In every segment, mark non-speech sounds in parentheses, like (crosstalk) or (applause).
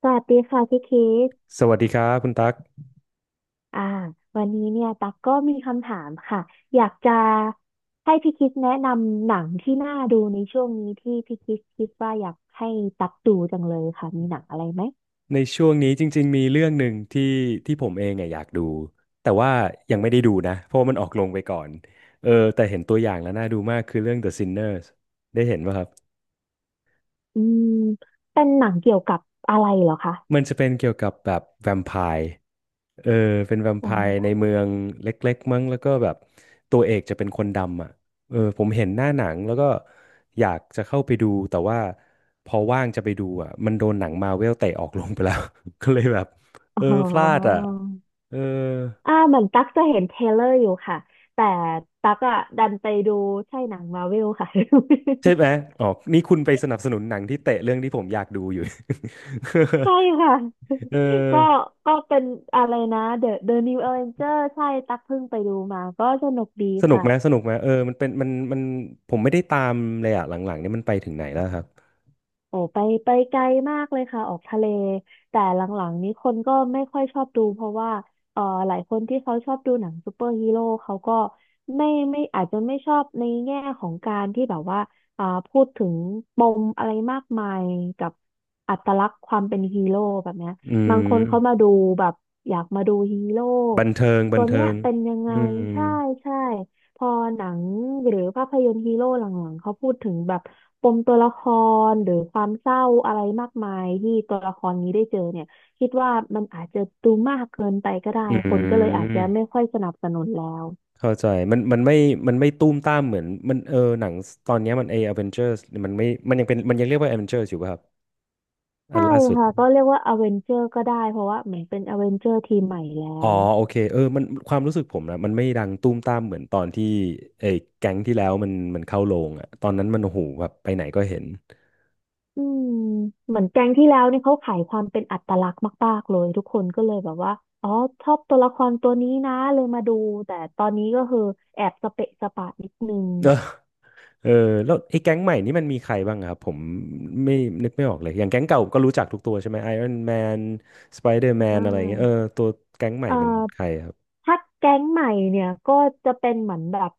สวัสดีค่ะพี่คิดสวัสดีครับคุณตั๊กอ่าวันนี้เนี่ยตักก็มีคำถามค่ะอยากจะให้พี่คิดแนะนำหนังที่น่าดูในช่วงนี้ที่พี่คิดว่าอยากให้ตักดูจังเลยค่ะมีหนังอะไรไหมในช่วงนี้จริงๆมีเรื่องหนึ่งที่ผมเองอะอยากดูแต่ว่ายังไม่ได้ดูนะเพราะว่ามันออกลงไปก่อนเออแต่เห็นตัวอย่างแล้วน่าดูมากคือเรื่อง The Sinners ได้เห็นป่ะครับ อืมเป็นหนังเกี่ยวกับอะไรเหรอคะมันจะเป็นเกี่ยวกับแบบแวมไพร์เออเป็นแวมไพอืร์มในเมืองเล็กๆมั้งแล้วก็แบบตัวเอกจะเป็นคนดำอ่ะเออผมเห็นหน้าหนังแล้วก็อยากจะเข้าไปดูแต่ว่าพอว่างจะไปดูอ่ะมันโดนหนังมาเวลเตะออกลงไปแล้ว (laughs) ก็เลยแบบอ๋เออพลาดออ่ะเอออ่าเหมือนตั๊กจะเห็นเทรลเลอร์อยู่ค่ะแต่ตั๊กอะดันไปดูใช่หนังมาร์เวลค่ะ ใช่ไหมอ๋อนี่คุณไปสนับสนุนหนังที่เตะเรื่องที่ผมอยากดูอยู่ ใช่ค่ะ (laughs) เ (laughs) ก็ออก็เป็นอะไรนะ The New Avenger ใช่ตักเพิ่งไปดูมาก็สนุกดีสนุกค่ะ ไหมสนุกไหมเออมันเป็นมันผมไม่ได้ตามเลยอ่ะหลังๆเนี่ยมันไปถึงไหนแล้วครับ โอ้ไปไกลมากเลยค่ะออกทะเลแต่หลังๆนี้คนก็ไม่ค่อยชอบดูเพราะว่าหลายคนที่เขาชอบดูหนังซูเปอร์ฮีโร่เขาก็ไม่อาจจะไม่ชอบในแง่ของการที่แบบว่าพูดถึงปมอะไรมากมายกับอัตลักษณ์ความเป็นฮีโร่แบบเนี้ยอืบางคนเขามมาดูแบบอยากมาดูฮีโร่บันเทิงบัตันวเนี้เทิยงเป็นยังไงอืมใช่ใช่ พอหนังหรือภาพยนตร์ฮีโร่หลังๆเขาพูดถึงแบบปมตัวละครหรือความเศร้าอะไรมากมายที่ตัวละครนี้ได้เจอเนี่ยคิดว่ามันอาจจะดูมากเกินไปก็ได้อืคนก็เลยอาจจะไม่มค่อยสนับสนุนแล้วเข้าใจมันไม่มันไม่ตุ้มตามเหมือนมันเออหนังตอนเนี้ยมันเออเวนเจอร์สมันไม่มันยังเป็นมันยังเรียกว่าเอเวนเจอร์อยู่ป่ะครับอัใช่นล่าสุดค่ะก็เรียกว่าอเวนเจอร์ก็ได้เพราะว่าเหมือนเป็นอเวนเจอร์ทีมใหม่แล้อ๋อวโอเคเออมันความรู้สึกผมนะมันไม่ดังตุ้มตามเหมือนตอนที่ไอ้แก๊งที่แล้วมันเข้าโรงอ่ะตอนนั้นมันโอ้โหแบบไปไหนก็เห็น อืมเหมือนแก๊งที่แล้วนี่เขาขายความเป็นอัตลักษณ์มากๆเลยทุกคนก็เลยแบบว่าอ๋อชอบตัวละครตัวนี้นะเลยมาดูแต่ตอนนี้ก็คือแอบสเปะสปะนิดนึง เออแล้วไอ้แก๊งใหม่นี่มันมีใครบ้างอะครับผมไม่นึกไม่ออกเลยอย่างแก๊งเก่าก็รู้จักทุกตัวใช่ไหมไอรอนแมนสไปเดอร์แมอ่นอะไรเงี้ยาตัวแก๊งใหม่อ่มันใคารครับถ้าแก๊งใหม่เนี่ยก็จะเป็นเหมือนแบบ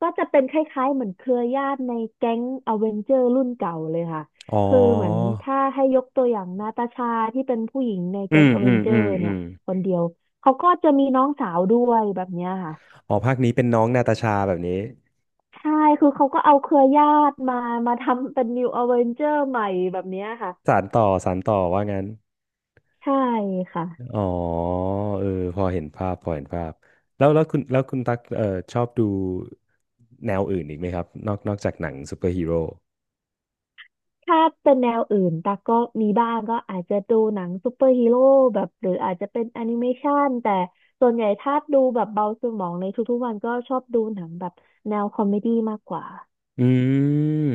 ก็จะเป็นคล้ายๆเหมือนเครือญาติในแก๊งอเวนเจอร์รุ่นเก่าเลยค่ะอ๋อคือเหมือนถ้าให้ยกตัวอย่างนาตาชาที่เป็นผู้หญิงในอืแก๊งมออืเวนมเจออืมร์อืเนี่ยมคนเดียวเขาก็จะมีน้องสาวด้วยแบบเนี้ยค่ะอ๋อภาคนี้เป็นน้องนาตาชาแบบนี้ใช่คือเขาก็เอาเครือญาติมาทำเป็นนิวอเวนเจอร์ใหม่แบบเนี้ยค่ะสานต่อสานต่อว่างั้นใช่ค่ะ อ๋อเออพอเห็นภาพพอเห็นภาพแล้วคุณแล้วคุณตักชอบดูแนวอื่นอีกไหมครับนอกจากหนังซูเปอร์ฮีโร่ ถ้าเป็นแนวอื่นตาก็มีบ้างก็อาจจะดูหนังซูเปอร์ฮีโร่แบบหรืออาจจะเป็นแอนิเมชันแต่ส่วนใหญ่ถ้าดูแบบเบาสมองในทุกๆวันก็ชอบดูหนังแบบแนวคอมเมดี้มากกว่าอืม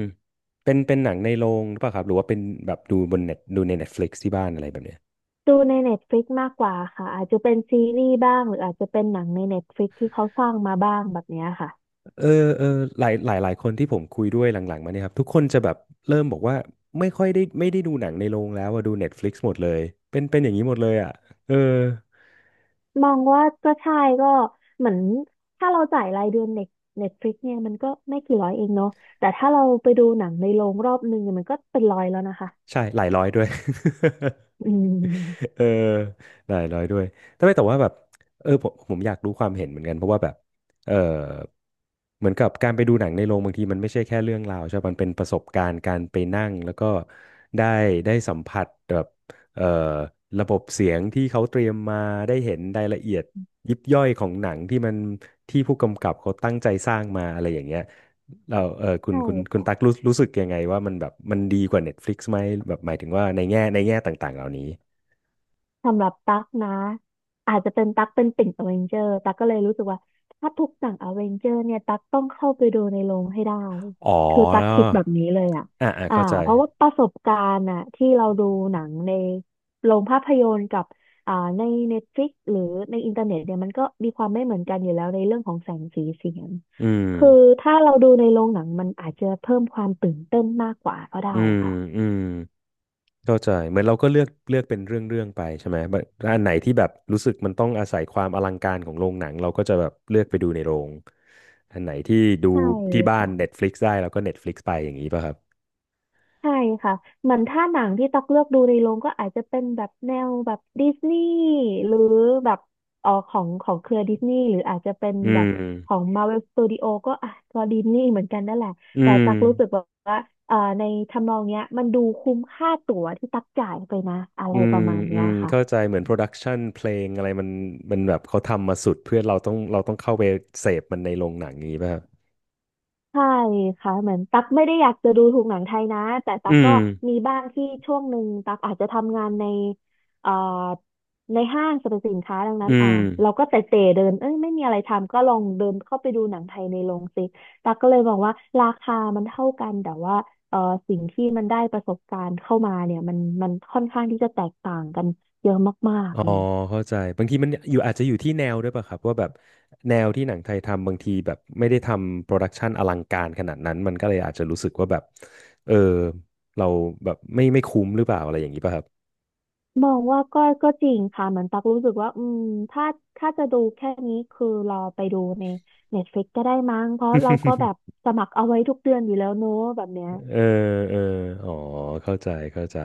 เป็นหนังในโรงหรือเปล่าครับหรือว่าเป็นแบบดูบนเน็ตดูใน Netflix ที่บ้านอะไรแบบเนี้ยดูใน Netflix มากกว่าค่ะอาจจะเป็นซีรีส์บ้างหรืออาจจะเป็นหนังใน Netflix ที่เขาสร้างมาบ้างแบบเนี้ยค่ะเออเออหลายหลายหลายคนที่ผมคุยด้วยหลังๆมาเนี่ยครับทุกคนจะแบบเริ่มบอกว่าไม่ค่อยได้ไม่ได้ดูหนังในโรงแล้วอะดู Netflix หมดเลยเป็นอย่างนี้หมดเลยอ่ะเออมองว่าก็ใช่ก็เหมือนถ้าเราจ่ายรายเดือนเน็ตฟลิกเนี่ยมันก็ไม่กี่ร้อยเองเนาะแต่ถ้าเราไปดูหนังในโรงรอบนึงเนี่ยมันก็เป็นร้อยแล้วนะคะใช่หลายร้อยด้วย (laughs) อืม เออหลายร้อยด้วยแต่ไม่แต่ว่าแบบเออผมอยากรู้ความเห็นเหมือนกันเพราะว่าแบบเออเหมือนกับการไปดูหนังในโรงบางทีมันไม่ใช่แค่เรื่องราวใช่ปะมันเป็นประสบการณ์การไปนั่งแล้วก็ได้ได้สัมผัสแบบเออระบบเสียงที่เขาเตรียมมาได้เห็นรายละเอียดยิบย่อยของหนังที่มันที่ผู้กำกับเขาตั้งใจสร้างมาอะไรอย่างเงี้ยเราเออคุณใช่คุณคุณตักค่ะรู้รู้สึกยังไงว่ามันแบบมันดีกว่า Netflix ไหมแบบหมายถึงว่าในแง่ในแง่ต่างๆเหล่านี้ สำหรับตั๊กนะอาจจะเป็นตั๊กเป็นติ่งอเวนเจอร์ตั๊กก็เลยรู้สึกว่าถ้าทุกหนังอเวนเจอร์เนี่ยตั๊กต้องเข้าไปดูในโรงให้ได้อ๋อคือตั๊กคิดแบบนี้เลยอ่ะอ่าอ่าอ่าเข้าใจเพราะว่าประสบการณ์อ่ะที่เราดูหนังในโรงภาพยนตร์กับอ่าในเน็ตฟลิกหรือในอินเทอร์เน็ตเนี่ยมันก็มีความไม่เหมือนกันอยู่แล้วในเรื่องของแสงสีเสียงอืมคือถ้าเราดูในโรงหนังมันอาจจะเพิ่มความตื่นเต้นมากกว่าก็ได้อืมค่ะอืมเข้าใจเหมือนเราก็เลือกเลือกเป็นเรื่องเรื่องไปใช่ไหมแบบอันไหนที่แบบรู้สึกมันต้องอาศัยความอลังการของโรงหนังเราก็จะแบบเลือกไปดูในโรงอันไหนที่ดูใช่ที่บ้าน ค่ะ Netflix ได้เราก็ Netflix ไปอย่างนี้ป่ะครับใช่ค่ะเหมือนถ้าหนังที่ตักเลือกดูในโรงก็อาจจะเป็นแบบแนวแบบดิสนีย์หรือแบบเอ๋อของเครือดิสนีย์หรืออาจจะเป็นอืแบบขอมง Marvel Studio ก็อ่ะก็ดิสนีย์เหมือนกันนั่นแหละอืแต่มตักรู้สึกแบบว่าในทำนองเนี้ยมันดูคุ้มค่าตั๋วที่ตักจ่ายไปนะอะไรอืปมระมาณอืเนี้ยมค่ะ เข้าใจเหมือนโปรดักชันเพลงอะไรมันแบบเขาทำมาสุดเพื่อเราต้องเข้าไปเสพมันในโรงหนังอย่างนี้ป่ะครับใช่ค่ะเหมือนตั๊กไม่ได้อยากจะดูถูกหนังไทยนะแต่ตั๊อืกก็มมีบ้างที่ช่วงหนึ่งตั๊กอาจจะทำงานในเอ่อในห้างสรรพสินค้าดังนั้อืนอ่าม เราก็เตะเดินเอ้ยไม่มีอะไรทำก็ลองเดินเข้าไปดูหนังไทยในโรงสิตั๊กก็เลยมองว่าราคามันเท่ากันแต่ว่าเอ่อสิ่งที่มันได้ประสบการณ์เข้ามาเนี่ยมันมันค่อนข้างที่จะแตกต่างกันเยอะมากอ๋อๆเลย เข้าใจบางทีมันอยู่อาจจะอยู่ที่แนวด้วยป่ะครับว่าแบบแนวที่หนังไทยทำบางทีแบบไม่ได้ทำโปรดักชันอลังการขนาดนั้นมันก็เลยอาจจะรู้สึกว่าแบบเออเราแบบไม่คุ้มหรือเปล่าอะไรอย่างนี้ป่ะครับ มองว่าก็จริงค่ะเหมือนตักรู้สึกว่าอืมถ้าถ้าจะดูแค่นี้คือรอไปดูใน Netflix ก็ได้มั้งเพราะเราก็แบบ (laughs) สมัครเอาไว้ทุกเดือนอยู่แล้วเนอะแบบเนี้ยเออเอออ๋อเข้าใจเข้าใจ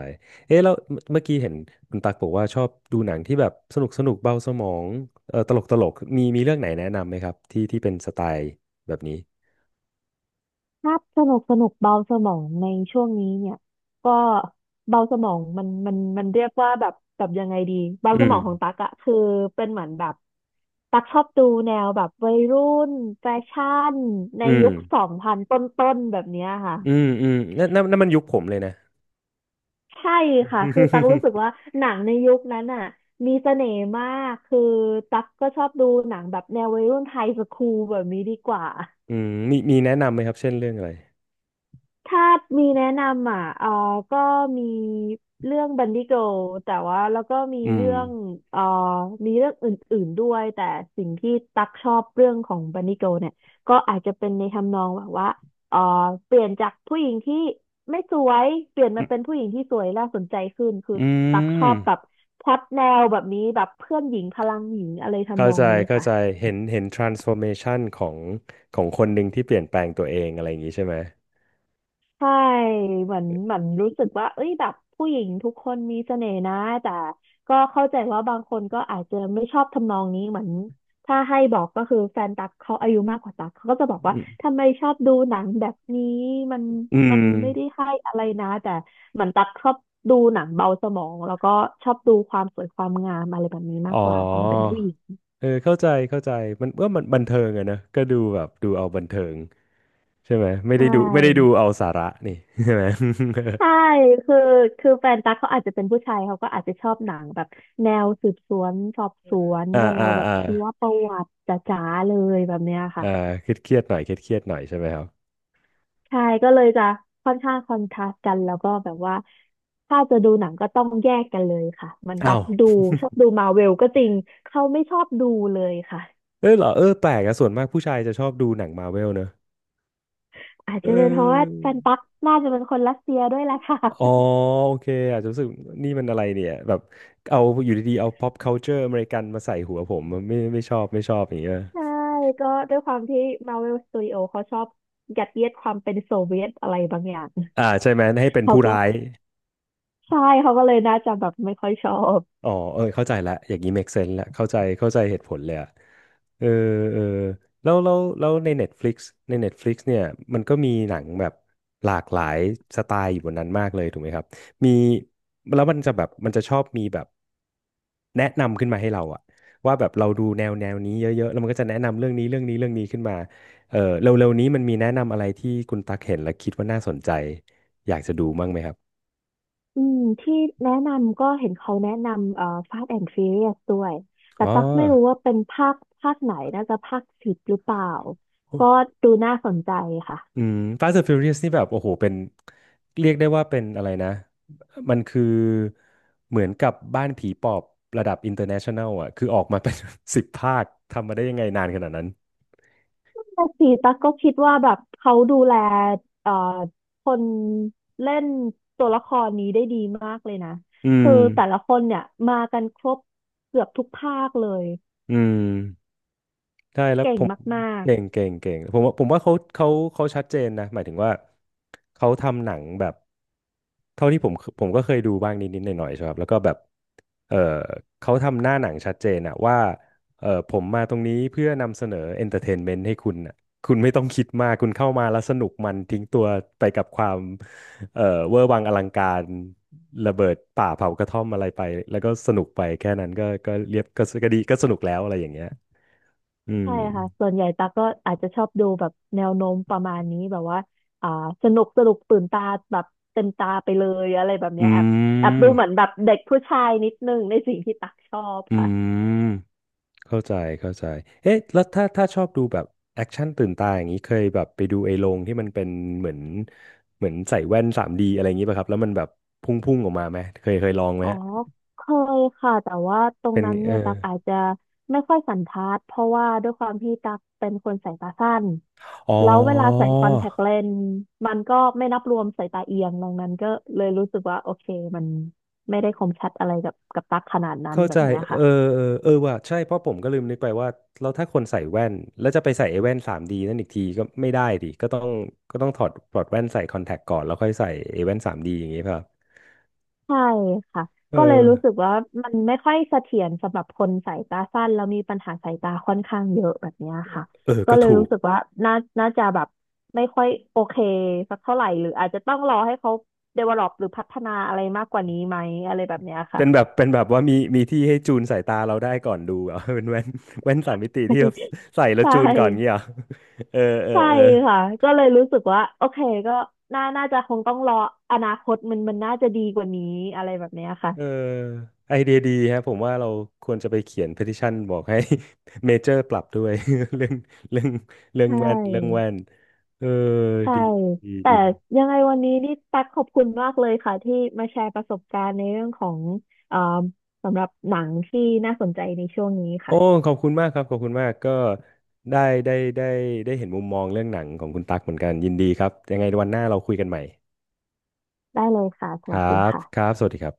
เอ๊ะแล้วเมื่อกี้เห็นคุณตักบอกว่าชอบดูหนังที่แบบสนุกสนุกเบาสมองเออตลกมีเรื่องไหนแนะนำไหมครับที่เป็นสไตล์แบบนี้ถ้าพสนุกสนุกเบาสมองในช่วงนี้เนี่ยก็เบาสมองมันเรียกว่าแบบยังไงดีเบาอืสมมองของตักอะคือเป็นเหมือนแบบตักชอบดูแนวแบบวัยรุ่นแฟชั่นในอืมยุค2000 ต้นๆแบบเนี้ยค่ะ อืมอืมนั่นนั่นนั่นมันยุคผมเลยนะ ใช่ค่ะ คือตั๊กรู้สึกว่า (laughs) หนังในยุคนั้นอ่ะมีเสน่ห์มาก คือตั๊กก็ชอบดูหนังแบบแนววัยรุ่นไทยสคูลแบบนี้ดีกว่า อืมมีแนะนำไหมครับเช่นเรื่องอะไรถ้ามีแนะนำอ่ะก็มีเรื่องบันดี้ i r l แต่ว่าแล้วก็มีอืมเรื่องเออมีเรื่องอื่นๆด้วย แต่สิ่งที่ตักชอบเรื่องของบันดี้ i r l เนี่ยก็อาจจะเป็นในทำนองแบบว่าเออเปลี่ยนจากผู้หญิงที่ไม่สวย เปลี่ยนอืมามเป็นผู้หญิงที่สวยน่าสนใจขึ้นคือตักชอบแบบพล็อตแนวแบบนี้แบบเพื่อนหญิงพลังหญิงอะไรทำเข้านองใจนี้เข้าค่ะ ใจเห็นเห็น transformation ของของคนหนึ่งที่เปลี่ยนแปลงตัวเองอะไรอย่างนี้ใช่ไหมใช่เหมือนเหมือนรู้สึกว่าเอ้ยแบบผู้หญิงทุกคนมีเสน่ห์นะแต่ก็เข้าใจว่าบางคนก็อาจจะไม่ชอบทำนองนี้เหมือนถ้าให้บอกก็คือแฟนตั๊กเขาอายุมากกว่าตั๊กเขาก็จะบอกว่าอืมทำไมชอบดูหนังแบบนี้มันอืมันมไม่ได้ให้อะไรนะแต่เหมือนตั๊กชอบดูหนังเบาสมองแล้วก็ชอบดูความสวยความงามอะไรแบบนี้อ๋มากอกว่าความเป็นผู้หญิงเออเข้าใจเข้าใจมันว่ามันบันเทิงอะนะก็ดูแบบดูเอาบันเทิงใช่ไหมไม่ใชได้ดูไม่ได้ดู่ เอาสาระนี่ (laughs) ใช่ไหม (laughs) ใช่คือคือแฟนตั๊กเขาอาจจะเป็นผู้ชายเขาก็อาจจะชอบหนังแบบแนวสืบสวนสอบสวนอ่าแนอ่าวแบบอ่าชีวประวัติจ๋าๆเลยแบบเนี้ยค่ะอ่าเครียดเครียดหน่อยเครียดหน่อยใช่ไหมครับใช่ก็เลยจะค่อนข้างคอนทราสต์กันแล้วก็แบบว่าถ้าจะดูหนังก็ต้องแยกกันเลยค่ะ มันตัอ้าวกดูชอบดูมาเวลก็จริงเขาไม่ชอบดูเลยค่ะเออเหรอเออแปลกอะส่วนมากผู้ชายจะชอบดูหนังมาเวลเนอะ อาจเอจะเป็นเพราะว่าอแฟนตักน่าจะเป็นคนรัสเซียด้วยแหละค่ะอ๋อโอเค อาจจะรู้สึกนี่มันอะไรเนี่ยแบบเอาอยู่ดีๆเอา pop culture อเมริกันมาใส่หัวผมไม่ชอบไม่ชอบอย่างเงี้ยใช่ก็ด้วยความที่ Marvel Studio เขาชอบยัดเยียดความเป็นโซเวียตอะไรบางอย่าง ใช่ไหมให้เป็นเขาผู้ก็ร้าย ใช่เขาก็เลยน่าจะแบบไม่ค่อยชอบอ๋อเออเข้าใจละอย่างนี้ make sense ละเข้าใจเข้าใจเหตุผลเลยอะเออเออแล้วใน Netflix ใน Netflix เนี่ยมันก็มีหนังแบบหลากหลายสไตล์อยู่บนนั้นมากเลยถูกไหมครับมีแล้วมันจะแบบมันจะชอบมีแบบแนะนำขึ้นมาให้เราอะว่าแบบเราดูแนวแนวนี้เยอะๆแล้วมันก็จะแนะนำเรื่องนี้เรื่องนี้เรื่องนี้ขึ้นมาเออเร็วๆนี้มันมีแนะนำอะไรที่คุณตักเห็นแล้วคิดว่าน่าสนใจ อยากจะดูบ้างไหมครับอืมที่แนะนำก็เห็นเขาแนะนำFast and Furious ด้วยแต่อ๋อ ตั๊กไม่รู้ว่าเป็นภาคไหนน่าจะภาค 10หรือเปล่าก็ดูน่าสนใจค่ะอืม Fast and Furious นี่แบบโอ้โหเป็นเรียกได้ว่าเป็นอะไรนะมันคือเหมือนกับบ้านผีปอบระดับ international อ่ะคือออกมาเป็น (laughs) สิบภาคทำมาได้ยังไงนานขนาดนั้นภาค 4ตั๊กก็คิดว่าแบบเขาดูแลเอ่อคนเล่นตัวละครนี้ได้ดีมากเลยนะอืคือมแต่ละคนเนี่ยมากันครบเกือบทุกภาคเลยอืม ใช่แล้วเก่ผงมมากเก่งๆ เก่งเก่งผมว่าผมว่าเขาเขาชัดเจนนะหมายถึงว่าเขาทำหนังแบบเท่าที่ผมก็เคยดูบ้างนิดหน่อยๆใช่ครับแล้วก็แบบเออเขาทำหน้าหนังชัดเจนอะว่าเออผมมาตรงนี้เพื่อนำเสนอเอนเตอร์เทนเมนต์ให้คุณอะคุณไม่ต้องคิดมากคุณเข้ามาแล้วสนุกมันทิ้งตัวไปกับความเออเวอร์วังอลังการระเบิดป่าเผากระท่อมอะไรไปแล้วก็สนุกไปแค่นั้นก็เรียบก็ดีก็สนุกแล้วอะไรอย่างเงี้ยอืม ใช่ค่ะส่วนใหญ่ตักก็อาจจะชอบดูแบบแนวโน้มประมาณนี้แบบว่าอ่าสนุกตื่นตาแบบเต็มตาไปเลยอะไรแบบอืเนี้ยแอบแอบดูเหมือมนแบบเด็กผู้ชายนิดนึงในสิ่งที่ตักชอบอืค่ะมเข้าใจเข้าใจเอ๊ะแล้วถ้าชอบดูแบบแอคชั่นตื่นตาอย่างนี้เคยแบบไปดูไอ้โรงที่มันเป็นเหมือนเหมือนใส่แว่นสามด d อะไรอย่างนี้ป่ะครับแล้วมันแบบพุ่งๆออกมาไหมเคยเคยลองไหมอ๋อเคยค่ะแต่ว่าตรงเป็นนั้นเออเนี่ยตักอาจจะไม่ค่อยสันทัดเพราะว่าด้วยความที่ตักเป็นคนสายตาสั้นอ๋อแล้วเวลาใส่คอนแทคเลนส์มันก็ไม่นับรวมสายตาเอียงดังนั้นก็เลยรู้สึกว่าโอเคมันไม่ได้คมชัดอะไรกับตักขนาดนั้นเข้าแบใจบเนี้ยเอค่ะ อเออเออว่ะใช่เพราะผมก็ลืมนึกไปว่าแล้วถ้าคนใส่แว่นแล้วจะไปใส่ไอ้แว่น 3D นั่นอีกทีก็ไม่ได้ดิก็ต้องถอดแว่นใส่คอนแทคก่อนแล้วค่อยใส่ไอ้แว่นสามดีอย่างงี้ป่ะครับใช่ค่ะเออก็เลยรู้สึกว่ามันไม่ค่อยเสถียรสำหรับคนสายตาสั้นแล้วมีปัญหาสายตาค่อนข้างเยอะแบบเนี้ยค่ะเออก็ก็เลยถูรู้ก สึกว่าน่าน่าจะแบบไม่ค่อยโอเคสักเท่าไหร่หรืออาจจะต้องรอให้เขา develop หรือพัฒนาอะไรมากกว่านี้ไหมอะไรแบบเนี้ยค่ะ เป็นแบบเป็นแบบว่ามีมีที่ให้จูนสายตาเราได้ก่อนดูเหรอ (laughs) เป็นแว่นแว่นสามมิติที่แบบใส่ (laughs) แล้ใชวจูนก่อนเงี้ย่เหรอเออเออใช่เออค่ะก็เลยรู้สึกว่าโอเคก็น่าจะคงต้องรออนาคตมันมันน่าจะดีกว่านี้อะไรแบบเนี้ยค่ะเออไอเดียดีฮะผมว่าเราควรจะไปเขียน petition บอกให้ (laughs) เมเจอร์ปรับด้วย (laughs) เรื่องเรื่องเรื่อใชงแว่นเรื่อง่ แว่นเออใช่ดีดีแต่ดียังไงวันนี้นี่ตักขอบคุณมากเลยค่ะที่มาแชร์ประสบการณ์ในเรื่องของเอ่อสำหรับหนังที่น่าสนใจในช่วงนี้โอ้ค่ะขอบคุณมากครับขอบคุณมากก็ได้ได้ได้เห็นมุมมองเรื่องหนังของคุณตั๊กเหมือนกันยินดีครับยังไงวันหน้าเราคุยกันใหม่ได้เลยค่ะสครวัสดีับค่ะครับสวัสดีครับ